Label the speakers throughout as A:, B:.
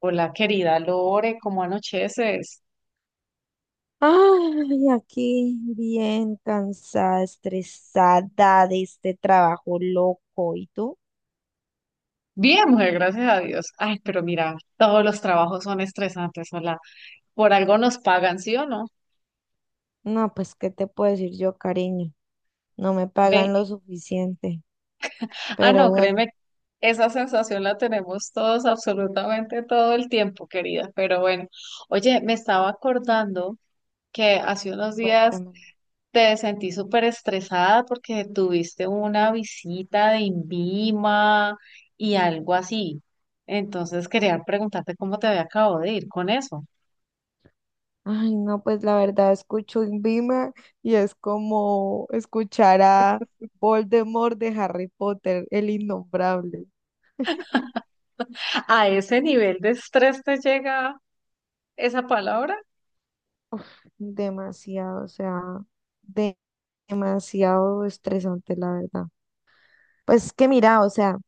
A: Hola, querida Lore, ¿cómo anocheces?
B: Ay, aquí bien cansada, estresada de este trabajo loco. ¿Y tú?
A: Bien, mujer, gracias a Dios. Ay, pero mira, todos los trabajos son estresantes, hola. Por algo nos pagan, ¿sí o no?
B: No, pues, ¿qué te puedo decir yo, cariño? No me
A: Ve.
B: pagan lo suficiente.
A: Ah,
B: Pero
A: no,
B: bueno,
A: créeme, esa sensación la tenemos todos, absolutamente todo el tiempo, querida. Pero bueno, oye, me estaba acordando que hace unos días
B: cuéntame.
A: te sentí súper estresada porque tuviste una visita de INVIMA y algo así. Entonces quería preguntarte cómo te había acabado de ir con eso.
B: Ay, no, pues la verdad escucho Invima y es como escuchar a Voldemort de Harry Potter, el innombrable.
A: ¿A ese nivel de estrés te llega esa palabra?
B: Uf, demasiado, o sea, de- demasiado estresante, la verdad. Pues que mira, o sea,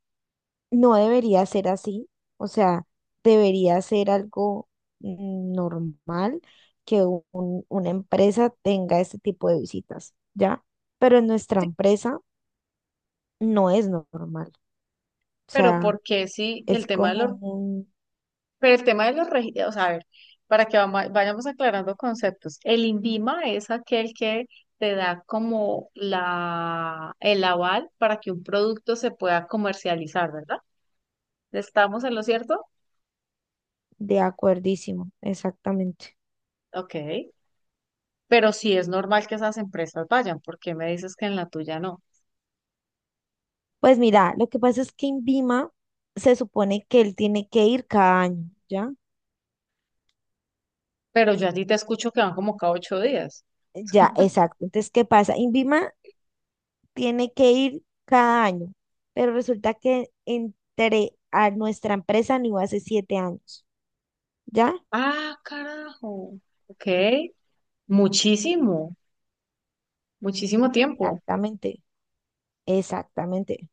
B: no debería ser así, o sea, debería ser algo normal que una empresa tenga este tipo de visitas, ¿ya? Pero en nuestra
A: Sí,
B: empresa no es normal, o
A: pero
B: sea,
A: ¿por qué sí? El
B: es
A: tema de los,
B: como un
A: pero el tema de los registros, o sea, a ver, para que vayamos aclarando conceptos. El INVIMA es aquel que te da como la, el aval para que un producto se pueda comercializar, ¿verdad? ¿Estamos en lo cierto?
B: de acuerdísimo, exactamente.
A: Ok. Pero sí es normal que esas empresas vayan, porque me dices que en la tuya no.
B: Pues mira, lo que pasa es que INVIMA se supone que él tiene que ir cada año, ¿ya?
A: Pero yo a ti te escucho que van como cada 8 días.
B: Ya, exacto. Entonces, ¿qué pasa? INVIMA tiene que ir cada año, pero resulta que entré a nuestra empresa no hace siete años, ¿ya?
A: Ah, carajo. Ok. Muchísimo, muchísimo tiempo.
B: Exactamente, exactamente.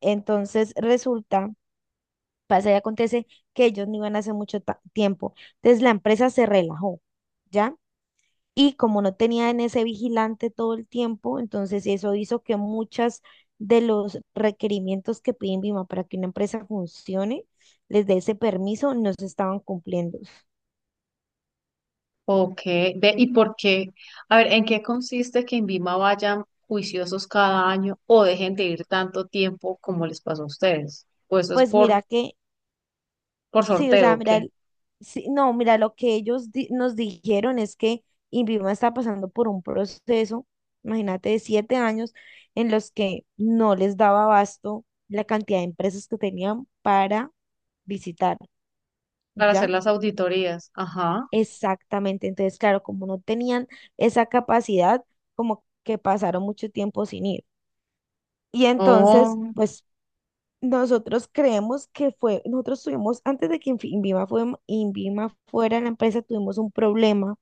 B: Entonces resulta, pasa y acontece que ellos no iban hace mucho tiempo, entonces la empresa se relajó, ¿ya? Y como no tenía en ese vigilante todo el tiempo, entonces eso hizo que muchas de los requerimientos que piden BIMA para que una empresa funcione, les dé ese permiso, no se estaban cumpliendo.
A: Ok. Ve, ¿y por qué? A ver, ¿en qué consiste que en Vima vayan juiciosos cada año o dejen de ir tanto tiempo como les pasó a ustedes? Pues eso es
B: Pues mira que,
A: por
B: sí, o
A: sorteo,
B: sea,
A: ¿o
B: mira,
A: ¿qué?
B: sí, no, mira, lo que ellos nos dijeron es que INVIMA está pasando por un proceso, imagínate, de siete años en los que no les daba abasto la cantidad de empresas que tenían para visitar,
A: Para hacer
B: ¿ya?
A: las auditorías. Ajá.
B: Exactamente, entonces, claro, como no tenían esa capacidad, como que pasaron mucho tiempo sin ir. Y entonces,
A: Oh.
B: pues nosotros creemos que fue, nosotros tuvimos, antes de que INVIMA, fue, INVIMA fuera la empresa, tuvimos un problema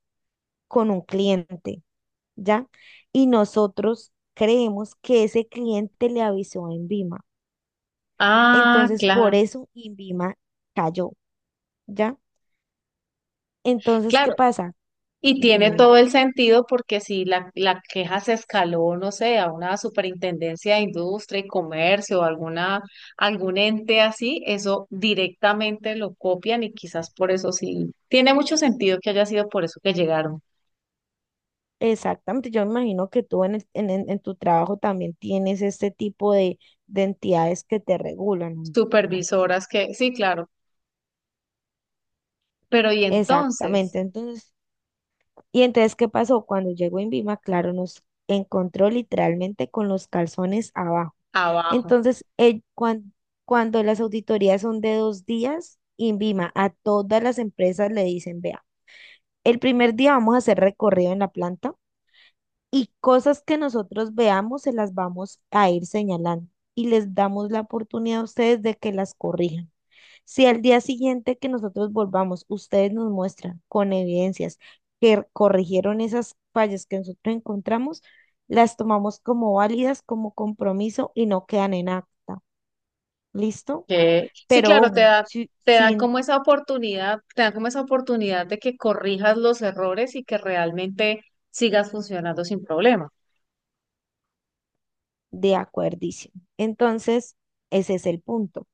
B: con un cliente, ¿ya? Y nosotros creemos que ese cliente le avisó a INVIMA.
A: Ah,
B: Entonces, por
A: claro.
B: eso INVIMA cayó, ¿ya? Entonces, ¿qué
A: Claro,
B: pasa?
A: y tiene
B: Dime,
A: todo el sentido porque si la, la queja se escaló, no sé, a una superintendencia de industria y comercio o alguna, algún ente así, eso directamente lo copian y quizás por eso sí. Tiene mucho sentido que haya sido por eso que llegaron
B: exactamente, yo me imagino que tú en, en tu trabajo también tienes este tipo de entidades que te regulan, ¿no?
A: supervisoras que, sí, claro, pero y entonces,
B: Exactamente. Entonces, y entonces, ¿qué pasó? Cuando llegó INVIMA, claro, nos encontró literalmente con los calzones abajo.
A: abajo,
B: Entonces, cuando las auditorías son de dos días, INVIMA a todas las empresas le dicen, vea, el primer día vamos a hacer recorrido en la planta y cosas que nosotros veamos se las vamos a ir señalando y les damos la oportunidad a ustedes de que las corrijan. Si al día siguiente que nosotros volvamos, ustedes nos muestran con evidencias que corrigieron esas fallas que nosotros encontramos, las tomamos como válidas, como compromiso y no quedan en acta. ¿Listo?
A: que sí,
B: Pero
A: claro, te
B: ojo,
A: da, te dan
B: sin
A: como esa oportunidad, te dan como esa oportunidad de que corrijas los errores y que realmente sigas funcionando sin problemas.
B: de acuerdicio. Entonces, ese es el punto.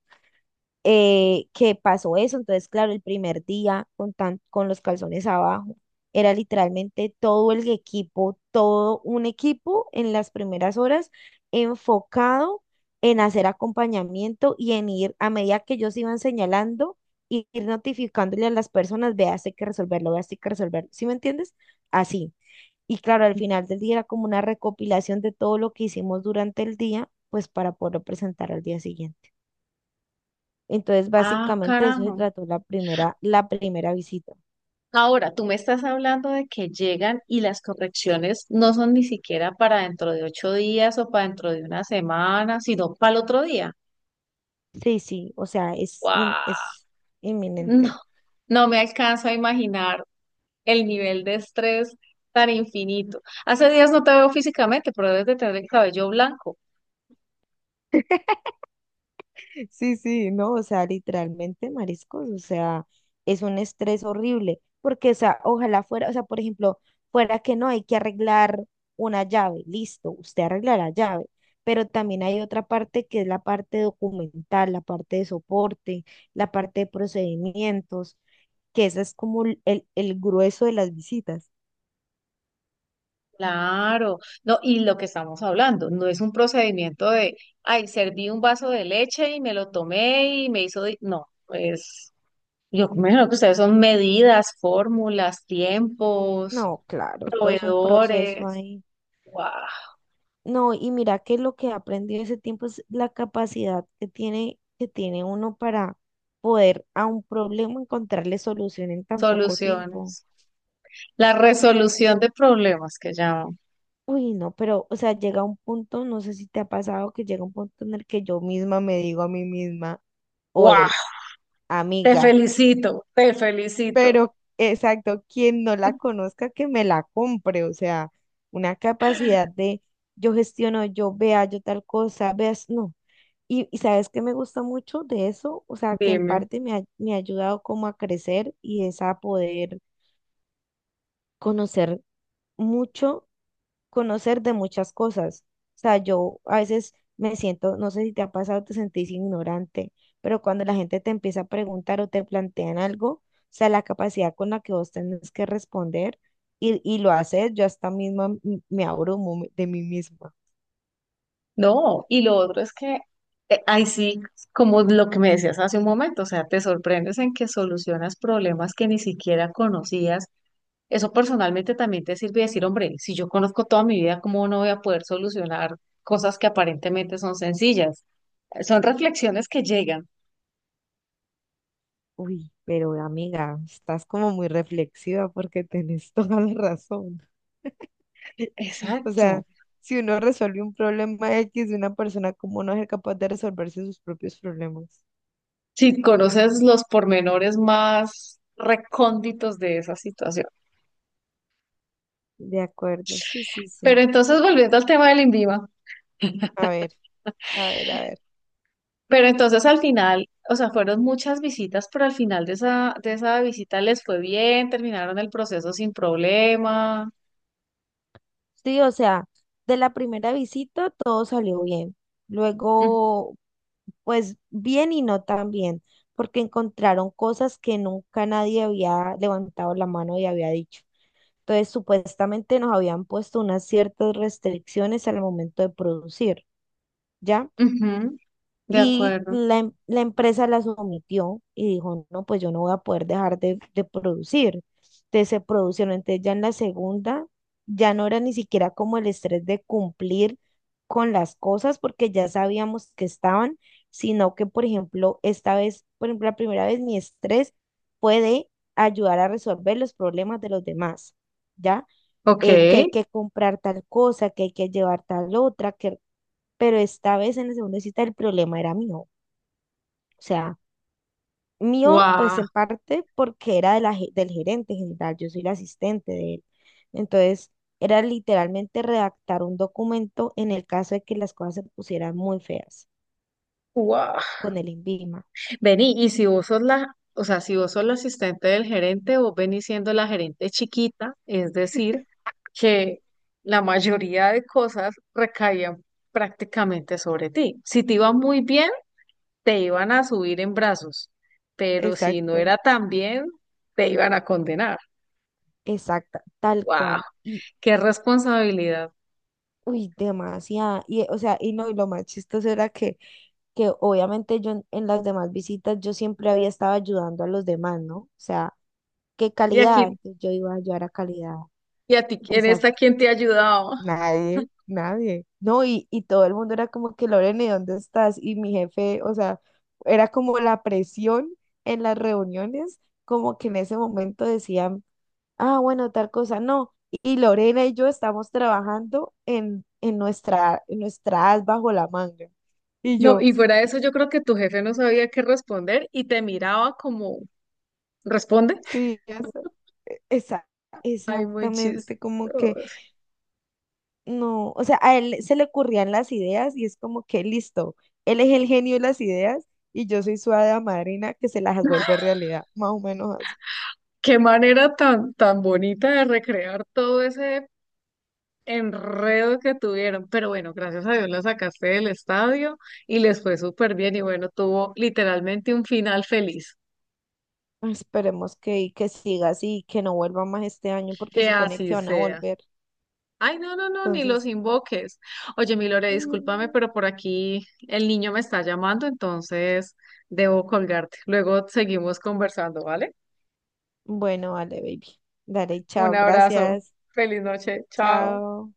B: Que pasó eso. Entonces, claro, el primer día con, tan, con los calzones abajo, era literalmente todo el equipo, todo un equipo en las primeras horas enfocado en hacer acompañamiento y en ir a medida que ellos iban señalando. Ir notificándole a las personas, vea, esto hay que resolverlo, vea, esto hay que resolverlo. ¿Sí me entiendes? Así. Y claro, al final del día era como una recopilación de todo lo que hicimos durante el día, pues para poderlo presentar al día siguiente. Entonces,
A: Ah,
B: básicamente de eso se
A: carajo.
B: trató la primera visita.
A: Ahora, tú me estás hablando de que llegan y las correcciones no son ni siquiera para dentro de 8 días o para dentro de una semana, sino para el otro día.
B: Sí, sí, o sea, es,
A: ¡Wow!
B: es
A: No,
B: inminente.
A: no me alcanzo a imaginar el nivel de estrés tan infinito. Hace días no te veo físicamente, pero debes de tener el cabello blanco.
B: Sí, sí, no, o sea, literalmente, mariscos, o sea, es un estrés horrible, porque, o sea, ojalá fuera, o sea, por ejemplo, fuera que no hay que arreglar una llave, listo, usted arreglará la llave, pero también hay otra parte que es la parte documental, la parte de soporte, la parte de procedimientos, que esa es como el el grueso de las visitas.
A: Claro, no, y lo que estamos hablando, no es un procedimiento de, ay, serví un vaso de leche y me lo tomé y me hizo, no, yo me imagino que ustedes son medidas, fórmulas, tiempos,
B: No, claro, todo es un proceso
A: proveedores,
B: ahí.
A: ¡guau!
B: No, y mira que lo que he aprendido ese tiempo es la capacidad que tiene uno para poder a un problema encontrarle solución en tan poco tiempo.
A: Soluciones. La resolución de problemas que llaman.
B: Uy, no, pero, o sea, llega un punto, no sé si te ha pasado, que llega un punto en el que yo misma me digo a mí misma,
A: Guau,
B: oye,
A: te
B: amiga,
A: felicito, te felicito.
B: pero exacto, quien no la conozca, que me la compre, o sea, una capacidad de yo gestiono, yo vea, yo tal cosa, veas, no. Y sabes que me gusta mucho de eso, o sea, que en
A: Dime.
B: parte me ha ayudado como a crecer y es a poder conocer mucho, conocer de muchas cosas. O sea, yo a veces me siento, no sé si te ha pasado, te sentís ignorante, pero cuando la gente te empieza a preguntar o te plantean algo, o sea, la capacidad con la que vos tenés que responder y lo haces, yo hasta misma me abrumo de mí misma.
A: No, y lo otro es que ahí sí, como lo que me decías hace un momento, o sea, te sorprendes en que solucionas problemas que ni siquiera conocías. Eso personalmente también te sirve decir, hombre, si yo conozco toda mi vida, ¿cómo no voy a poder solucionar cosas que aparentemente son sencillas? Son reflexiones que llegan.
B: Uy, pero amiga, estás como muy reflexiva porque tenés toda la razón. O sea,
A: Exacto.
B: si uno resuelve un problema X de una persona, ¿cómo no es capaz de resolverse sus propios problemas?
A: Si conoces los pormenores más recónditos de esa situación.
B: De acuerdo, sí, sí,
A: Pero
B: sí.
A: entonces, volviendo al tema del INVIMA,
B: A ver, a ver, a ver.
A: pero entonces al final, o sea, fueron muchas visitas, pero al final de esa visita les fue bien, terminaron el proceso sin problema.
B: Sí, o sea, de la primera visita todo salió bien.
A: Mm,
B: Luego, pues bien y no tan bien, porque encontraron cosas que nunca nadie había levantado la mano y había dicho. Entonces, supuestamente nos habían puesto unas ciertas restricciones al momento de producir, ¿ya?
A: ujú, de
B: Y
A: acuerdo.
B: la, la empresa las omitió y dijo, no, pues yo no voy a poder dejar de producir. Entonces se produjeron, entonces ya en la segunda ya no era ni siquiera como el estrés de cumplir con las cosas porque ya sabíamos que estaban, sino que, por ejemplo, esta vez, por ejemplo, la primera vez mi estrés puede ayudar a resolver los problemas de los demás, ¿ya?
A: Ok.
B: Que hay que comprar tal cosa, que hay que llevar tal otra, que... pero esta vez en la segunda cita el problema era mío. O sea, mío pues
A: Wow.
B: en parte porque era de la, del gerente general, yo soy la asistente de él. Entonces, era literalmente redactar un documento en el caso de que las cosas se pusieran muy feas
A: Wow.
B: con el INVIMA.
A: Vení, y si vos sos la, o sea, si vos sos la asistente del gerente, vos venís siendo la gerente chiquita, es decir, que la mayoría de cosas recaían prácticamente sobre ti. Si te iba muy bien, te iban a subir en brazos, pero si no
B: Exacto.
A: era tan bien, te iban a condenar.
B: Exacta, tal
A: Wow,
B: cual. Y,
A: qué
B: y-
A: responsabilidad.
B: uy, demasiada. Y, o sea, y no, y lo más chistoso era que obviamente yo en las demás visitas yo siempre había estado ayudando a los demás, ¿no? O sea, ¿qué
A: Y
B: calidad?
A: aquí,
B: Entonces yo iba a ayudar a calidad.
A: y a ti, en
B: Exacto.
A: esta, ¿quién te ayudaba?
B: Nadie, nadie. No, y todo el mundo era como que, Lorena, ¿y dónde estás? Y mi jefe, o sea, era como la presión en las reuniones, como que en ese momento decían, ah, bueno, tal cosa, no. Y Lorena y yo estamos trabajando en nuestra as bajo la manga. Y
A: No,
B: yo,
A: y fuera de eso, yo creo que tu jefe no sabía qué responder y te miraba como responde.
B: sí, Esa-
A: Ay, muy chistoso.
B: exactamente, como que no, o sea, a él se le ocurrían las ideas y es como que listo, él es el genio de las ideas y yo soy su hada madrina que se las vuelve realidad, más o menos así.
A: Qué manera tan, tan bonita de recrear todo ese enredo que tuvieron. Pero bueno, gracias a Dios la sacaste del estadio y les fue súper bien. Y bueno, tuvo literalmente un final feliz.
B: Esperemos que, y que siga así, que no vuelva más este año porque
A: Que
B: supone
A: así
B: que van a
A: sea.
B: volver.
A: Ay, no, no, no, ni los
B: Entonces,
A: invoques. Oye, mi Lore, discúlpame,
B: mm,
A: pero por aquí el niño me está llamando, entonces debo colgarte. Luego seguimos conversando, ¿vale?
B: bueno, vale, baby. Dale,
A: Un
B: chao,
A: abrazo.
B: gracias.
A: Feliz noche. Chao.
B: Chao.